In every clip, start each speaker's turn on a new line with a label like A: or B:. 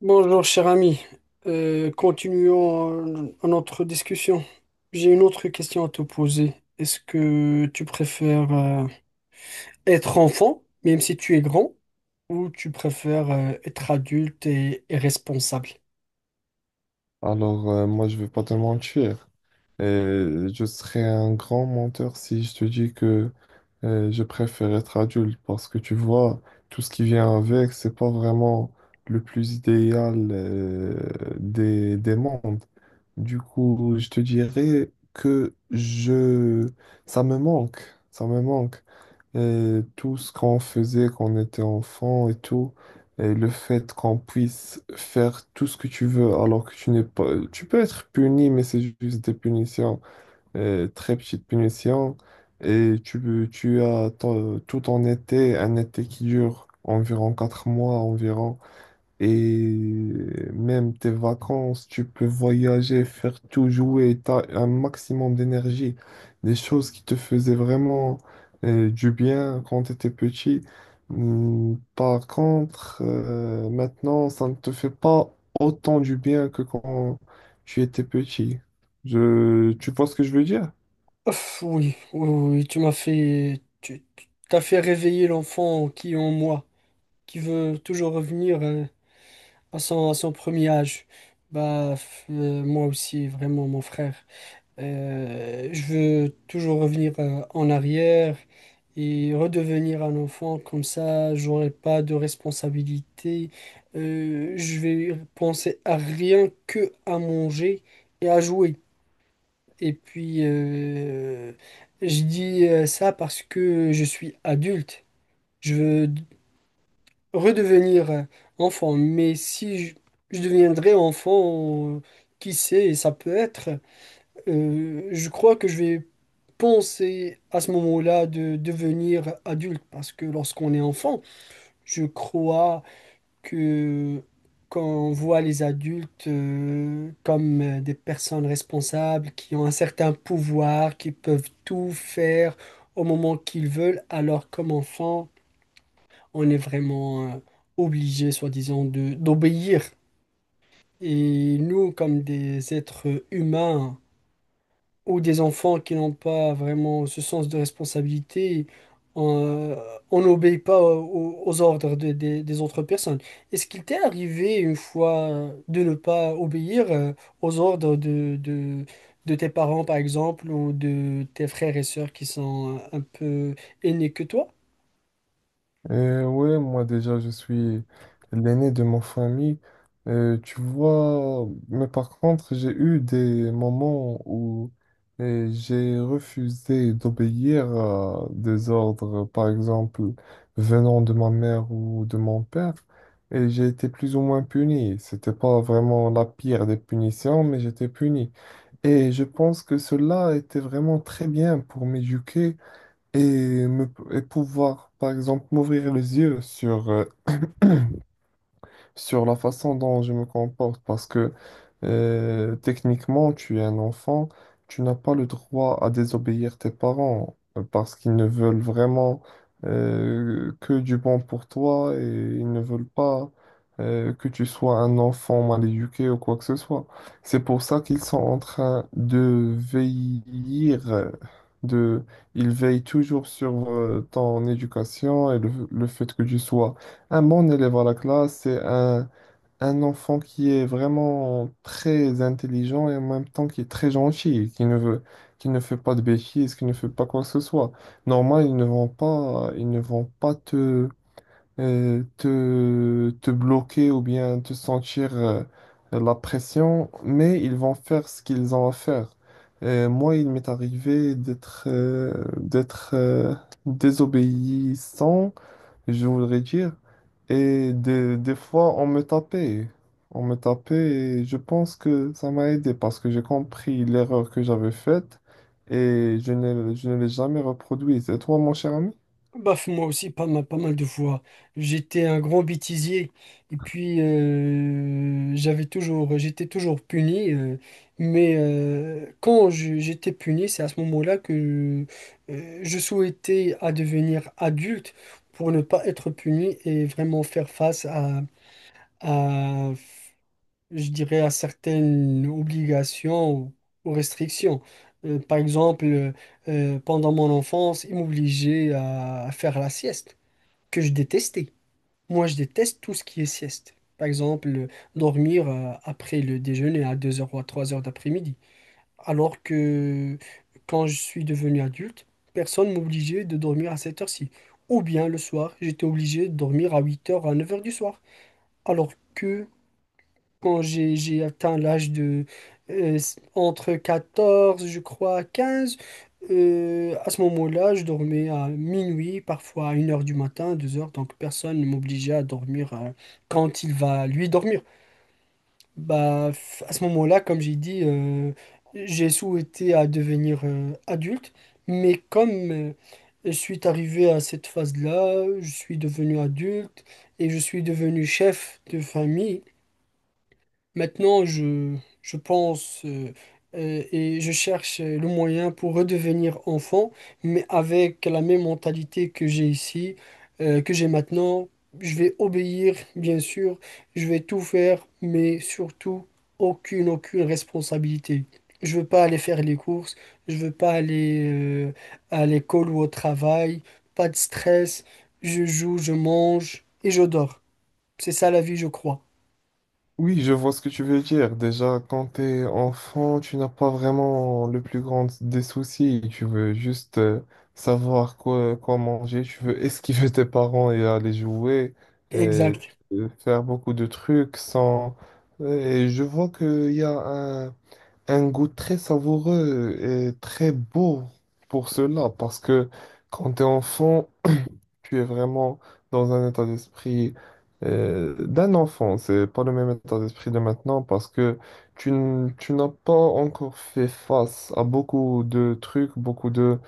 A: Bonjour cher ami. Continuons notre discussion. J'ai une autre question à te poser. Est-ce que tu préfères être enfant, même si tu es grand, ou tu préfères être adulte et responsable?
B: Alors, moi, je vais pas te mentir. Et je serais un grand menteur si je te dis que je préfère être adulte parce que tu vois, tout ce qui vient avec, c'est pas vraiment le plus idéal des mondes. Du coup, je te dirais que je... ça me manque, ça me manque. Et tout ce qu'on faisait quand on était enfant et tout. Et le fait qu'on puisse faire tout ce que tu veux alors que tu n'es pas... Tu peux être puni, mais c'est juste des punitions, très petites punitions. Et tu as tout ton été, un été qui dure environ quatre mois environ. Et même tes vacances, tu peux voyager, faire tout, jouer, tu as un maximum d'énergie. Des choses qui te faisaient vraiment du bien quand tu étais petit. Par contre, maintenant, ça ne te fait pas autant du bien que quand tu étais petit. Tu vois ce que je veux dire?
A: Ouf, oui, oui, oui, oui, t'as fait réveiller l'enfant qui est en moi, qui veut toujours revenir à son premier âge. Moi aussi, vraiment, mon frère. Je veux toujours revenir en arrière et redevenir un enfant, comme ça j'aurai pas de responsabilité. Je vais penser à rien que à manger et à jouer. Et puis je dis ça parce que je suis adulte. Je veux d- Redevenir enfant, mais si je, je deviendrais enfant, qui sait, ça peut être. Je crois que je vais penser à ce moment-là de devenir adulte parce que lorsqu'on est enfant, je crois que quand on voit les adultes comme des personnes responsables qui ont un certain pouvoir, qui peuvent tout faire au moment qu'ils veulent, alors comme enfant, on est vraiment obligé, soi-disant, de d'obéir. Et nous, comme des êtres humains, ou des enfants qui n'ont pas vraiment ce sens de responsabilité, on on n'obéit pas aux, ordres des autres personnes. Est-ce qu'il t'est arrivé une fois de ne pas obéir aux ordres de tes parents, par exemple, ou de tes frères et sœurs qui sont un peu aînés que toi?
B: Ouais, moi déjà, je suis l'aîné de ma famille. Tu vois, mais par contre, j'ai eu des moments où j'ai refusé d'obéir à des ordres, par exemple, venant de ma mère ou de mon père, et j'ai été plus ou moins puni. C'était pas vraiment la pire des punitions, mais j'étais puni. Et je pense que cela était vraiment très bien pour m'éduquer et pouvoir, par exemple, m'ouvrir les yeux sur sur la façon dont je me comporte parce que techniquement, tu es un enfant, tu n'as pas le droit à désobéir tes parents parce qu'ils ne veulent vraiment que du bon pour toi et ils ne veulent pas que tu sois un enfant mal éduqué ou quoi que ce soit. C'est pour ça qu'ils sont en train de veiller, de, ils veillent toujours sur ton éducation et le fait que tu sois un bon élève à la classe, c'est un enfant qui est vraiment très intelligent et en même temps qui est très gentil, qui ne fait pas de bêtises, qui ne fait pas quoi que ce soit. Normal, ils ne vont pas te bloquer ou bien te sentir, la pression, mais ils vont faire ce qu'ils ont à faire. Moi, il m'est arrivé d'être, désobéissant je voudrais dire. Et des fois, on me tapait. On me tapait et je pense que ça m'a aidé parce que j'ai compris l'erreur que j'avais faite et je ne l'ai jamais reproduite. Et toi, mon cher ami?
A: Baf, moi aussi, pas mal, pas mal de fois. J'étais un grand bêtisier et puis j'étais toujours puni. Quand j'étais puni, c'est à ce moment-là que je souhaitais à devenir adulte pour ne pas être puni et vraiment faire face à, je dirais, à certaines obligations ou restrictions. Par exemple, pendant mon enfance, ils m'obligeaient à faire la sieste que je détestais. Moi, je déteste tout ce qui est sieste. Par exemple, dormir après le déjeuner à 2 heures ou à 3 heures d'après-midi. Alors que quand je suis devenu adulte, personne ne m'obligeait de dormir à cette heure-ci. Ou bien le soir, j'étais obligé de dormir à 8 heures à 9 heures du soir. Alors que quand j'ai atteint l'âge de s- entre 14, je crois, 15. À ce moment-là, je dormais à minuit, parfois à 1 heure du matin, 2 heures. Donc personne ne m'obligeait à dormir quand il va lui dormir. À ce moment-là, comme j'ai dit, j'ai souhaité à devenir adulte, mais comme je suis arrivé à cette phase-là, je suis devenu adulte et je suis devenu chef de famille. Maintenant, je pense et je cherche le moyen pour redevenir enfant, mais avec la même mentalité que j'ai ici, que j'ai maintenant. Je vais obéir, bien sûr, je vais tout faire, mais surtout, aucune responsabilité. Je veux pas aller faire les courses, je veux pas aller à l'école ou au travail, pas de stress, je joue, je mange et je dors. C'est ça la vie, je crois.
B: Oui, je vois ce que tu veux dire. Déjà, quand t'es enfant, tu n'as pas vraiment le plus grand des soucis. Tu veux juste savoir quoi manger. Tu veux esquiver tes parents et aller jouer et
A: Exact.
B: faire beaucoup de trucs sans... Et je vois qu'il y a un, un goût très savoureux et très beau pour cela parce que quand t'es enfant, tu es vraiment dans un état d'esprit d'un enfant. C'est pas le même état d'esprit de maintenant parce que tu n'as pas encore fait face à beaucoup de trucs, beaucoup de,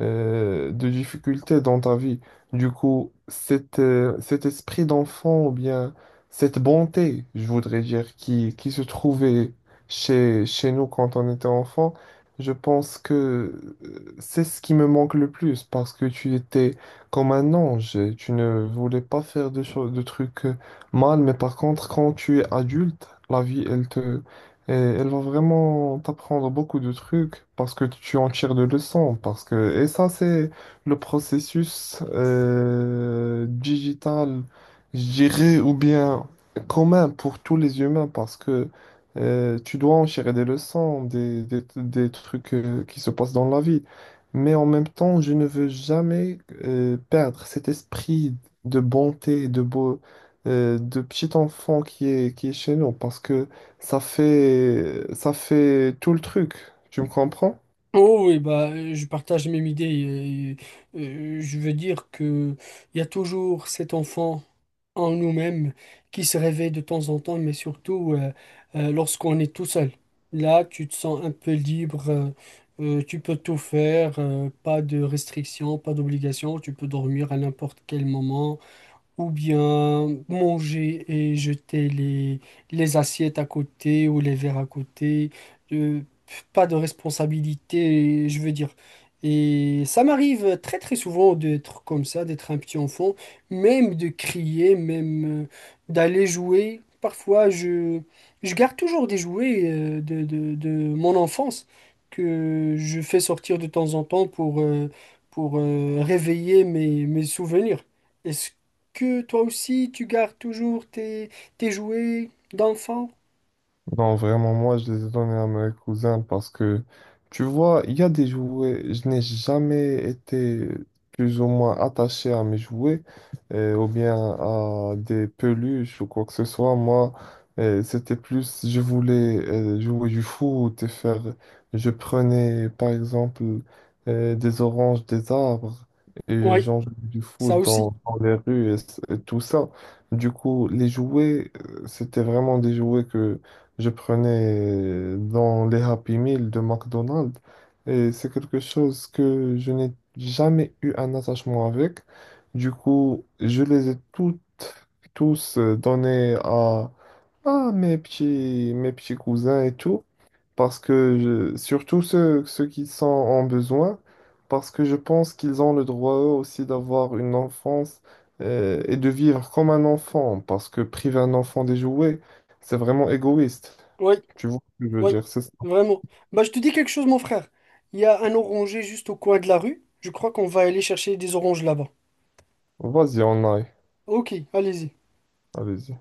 B: euh, de difficultés dans ta vie. Du coup, cet esprit d'enfant ou bien cette bonté, je voudrais dire, qui se trouvait chez nous quand on était enfant, je pense que c'est ce qui me manque le plus parce que tu étais comme un ange. Tu ne voulais pas faire de choses, de trucs mal, mais par contre, quand tu es adulte, la vie, elle va vraiment t'apprendre beaucoup de trucs parce que tu en tires des leçons. Parce que, et ça, c'est le processus digital, je dirais, ou bien commun pour tous les humains parce que tu dois en tirer des leçons, des trucs qui se passent dans la vie mais en même temps, je ne veux jamais perdre cet esprit de bonté, de beau, de petit enfant qui est chez nous, parce que ça fait tout le truc. Tu me comprends?
A: Oh oui, je partage la même idée. euh, je veux dire que il y a toujours cet enfant en nous-mêmes qui se réveille de temps en temps, mais surtout lorsqu'on est tout seul. Là, tu te sens un peu libre, tu peux tout faire, pas de restrictions, pas d'obligations, tu peux dormir à n'importe quel moment, ou bien manger et jeter les assiettes à côté ou les verres à côté. Euh, Pas de responsabilité, je veux dire. Et ça m'arrive très très souvent d'être comme ça, d'être un petit enfant, même de crier, même d'aller jouer. Parfois, je garde toujours des jouets de mon enfance que je fais sortir de temps en temps pour réveiller mes souvenirs. Est-ce que toi aussi, tu gardes toujours tes jouets d'enfant?
B: Non, vraiment, moi, je les ai donnés à mes cousins parce que, tu vois, il y a des jouets, je n'ai jamais été plus ou moins attaché à mes jouets ou bien à des peluches ou quoi que ce soit. Moi, c'était plus, je voulais jouer du foot et faire, je prenais par exemple des oranges, des arbres et
A: Oui,
B: j'en jouais du
A: ça
B: foot
A: aussi.
B: dans les rues et et tout ça. Du coup, les jouets, c'était vraiment des jouets que je prenais dans les Happy Meal de McDonald's et c'est quelque chose que je n'ai jamais eu un attachement avec. Du coup, je les ai toutes, tous donnés à mes petits cousins et tout, parce que surtout ceux qui sont en besoin, parce que je pense qu'ils ont le droit eux aussi d'avoir une enfance et de vivre comme un enfant, parce que priver un enfant des jouets, c'est vraiment égoïste.
A: Oui,
B: Tu vois ce que je veux
A: oui,
B: dire, c'est ça.
A: vraiment. Bah, je te dis quelque chose, mon frère. Il y a un oranger juste au coin de la rue. Je crois qu'on va aller chercher des oranges là-bas.
B: Vas-y, on aille.
A: Ok, allez-y.
B: Allez-y.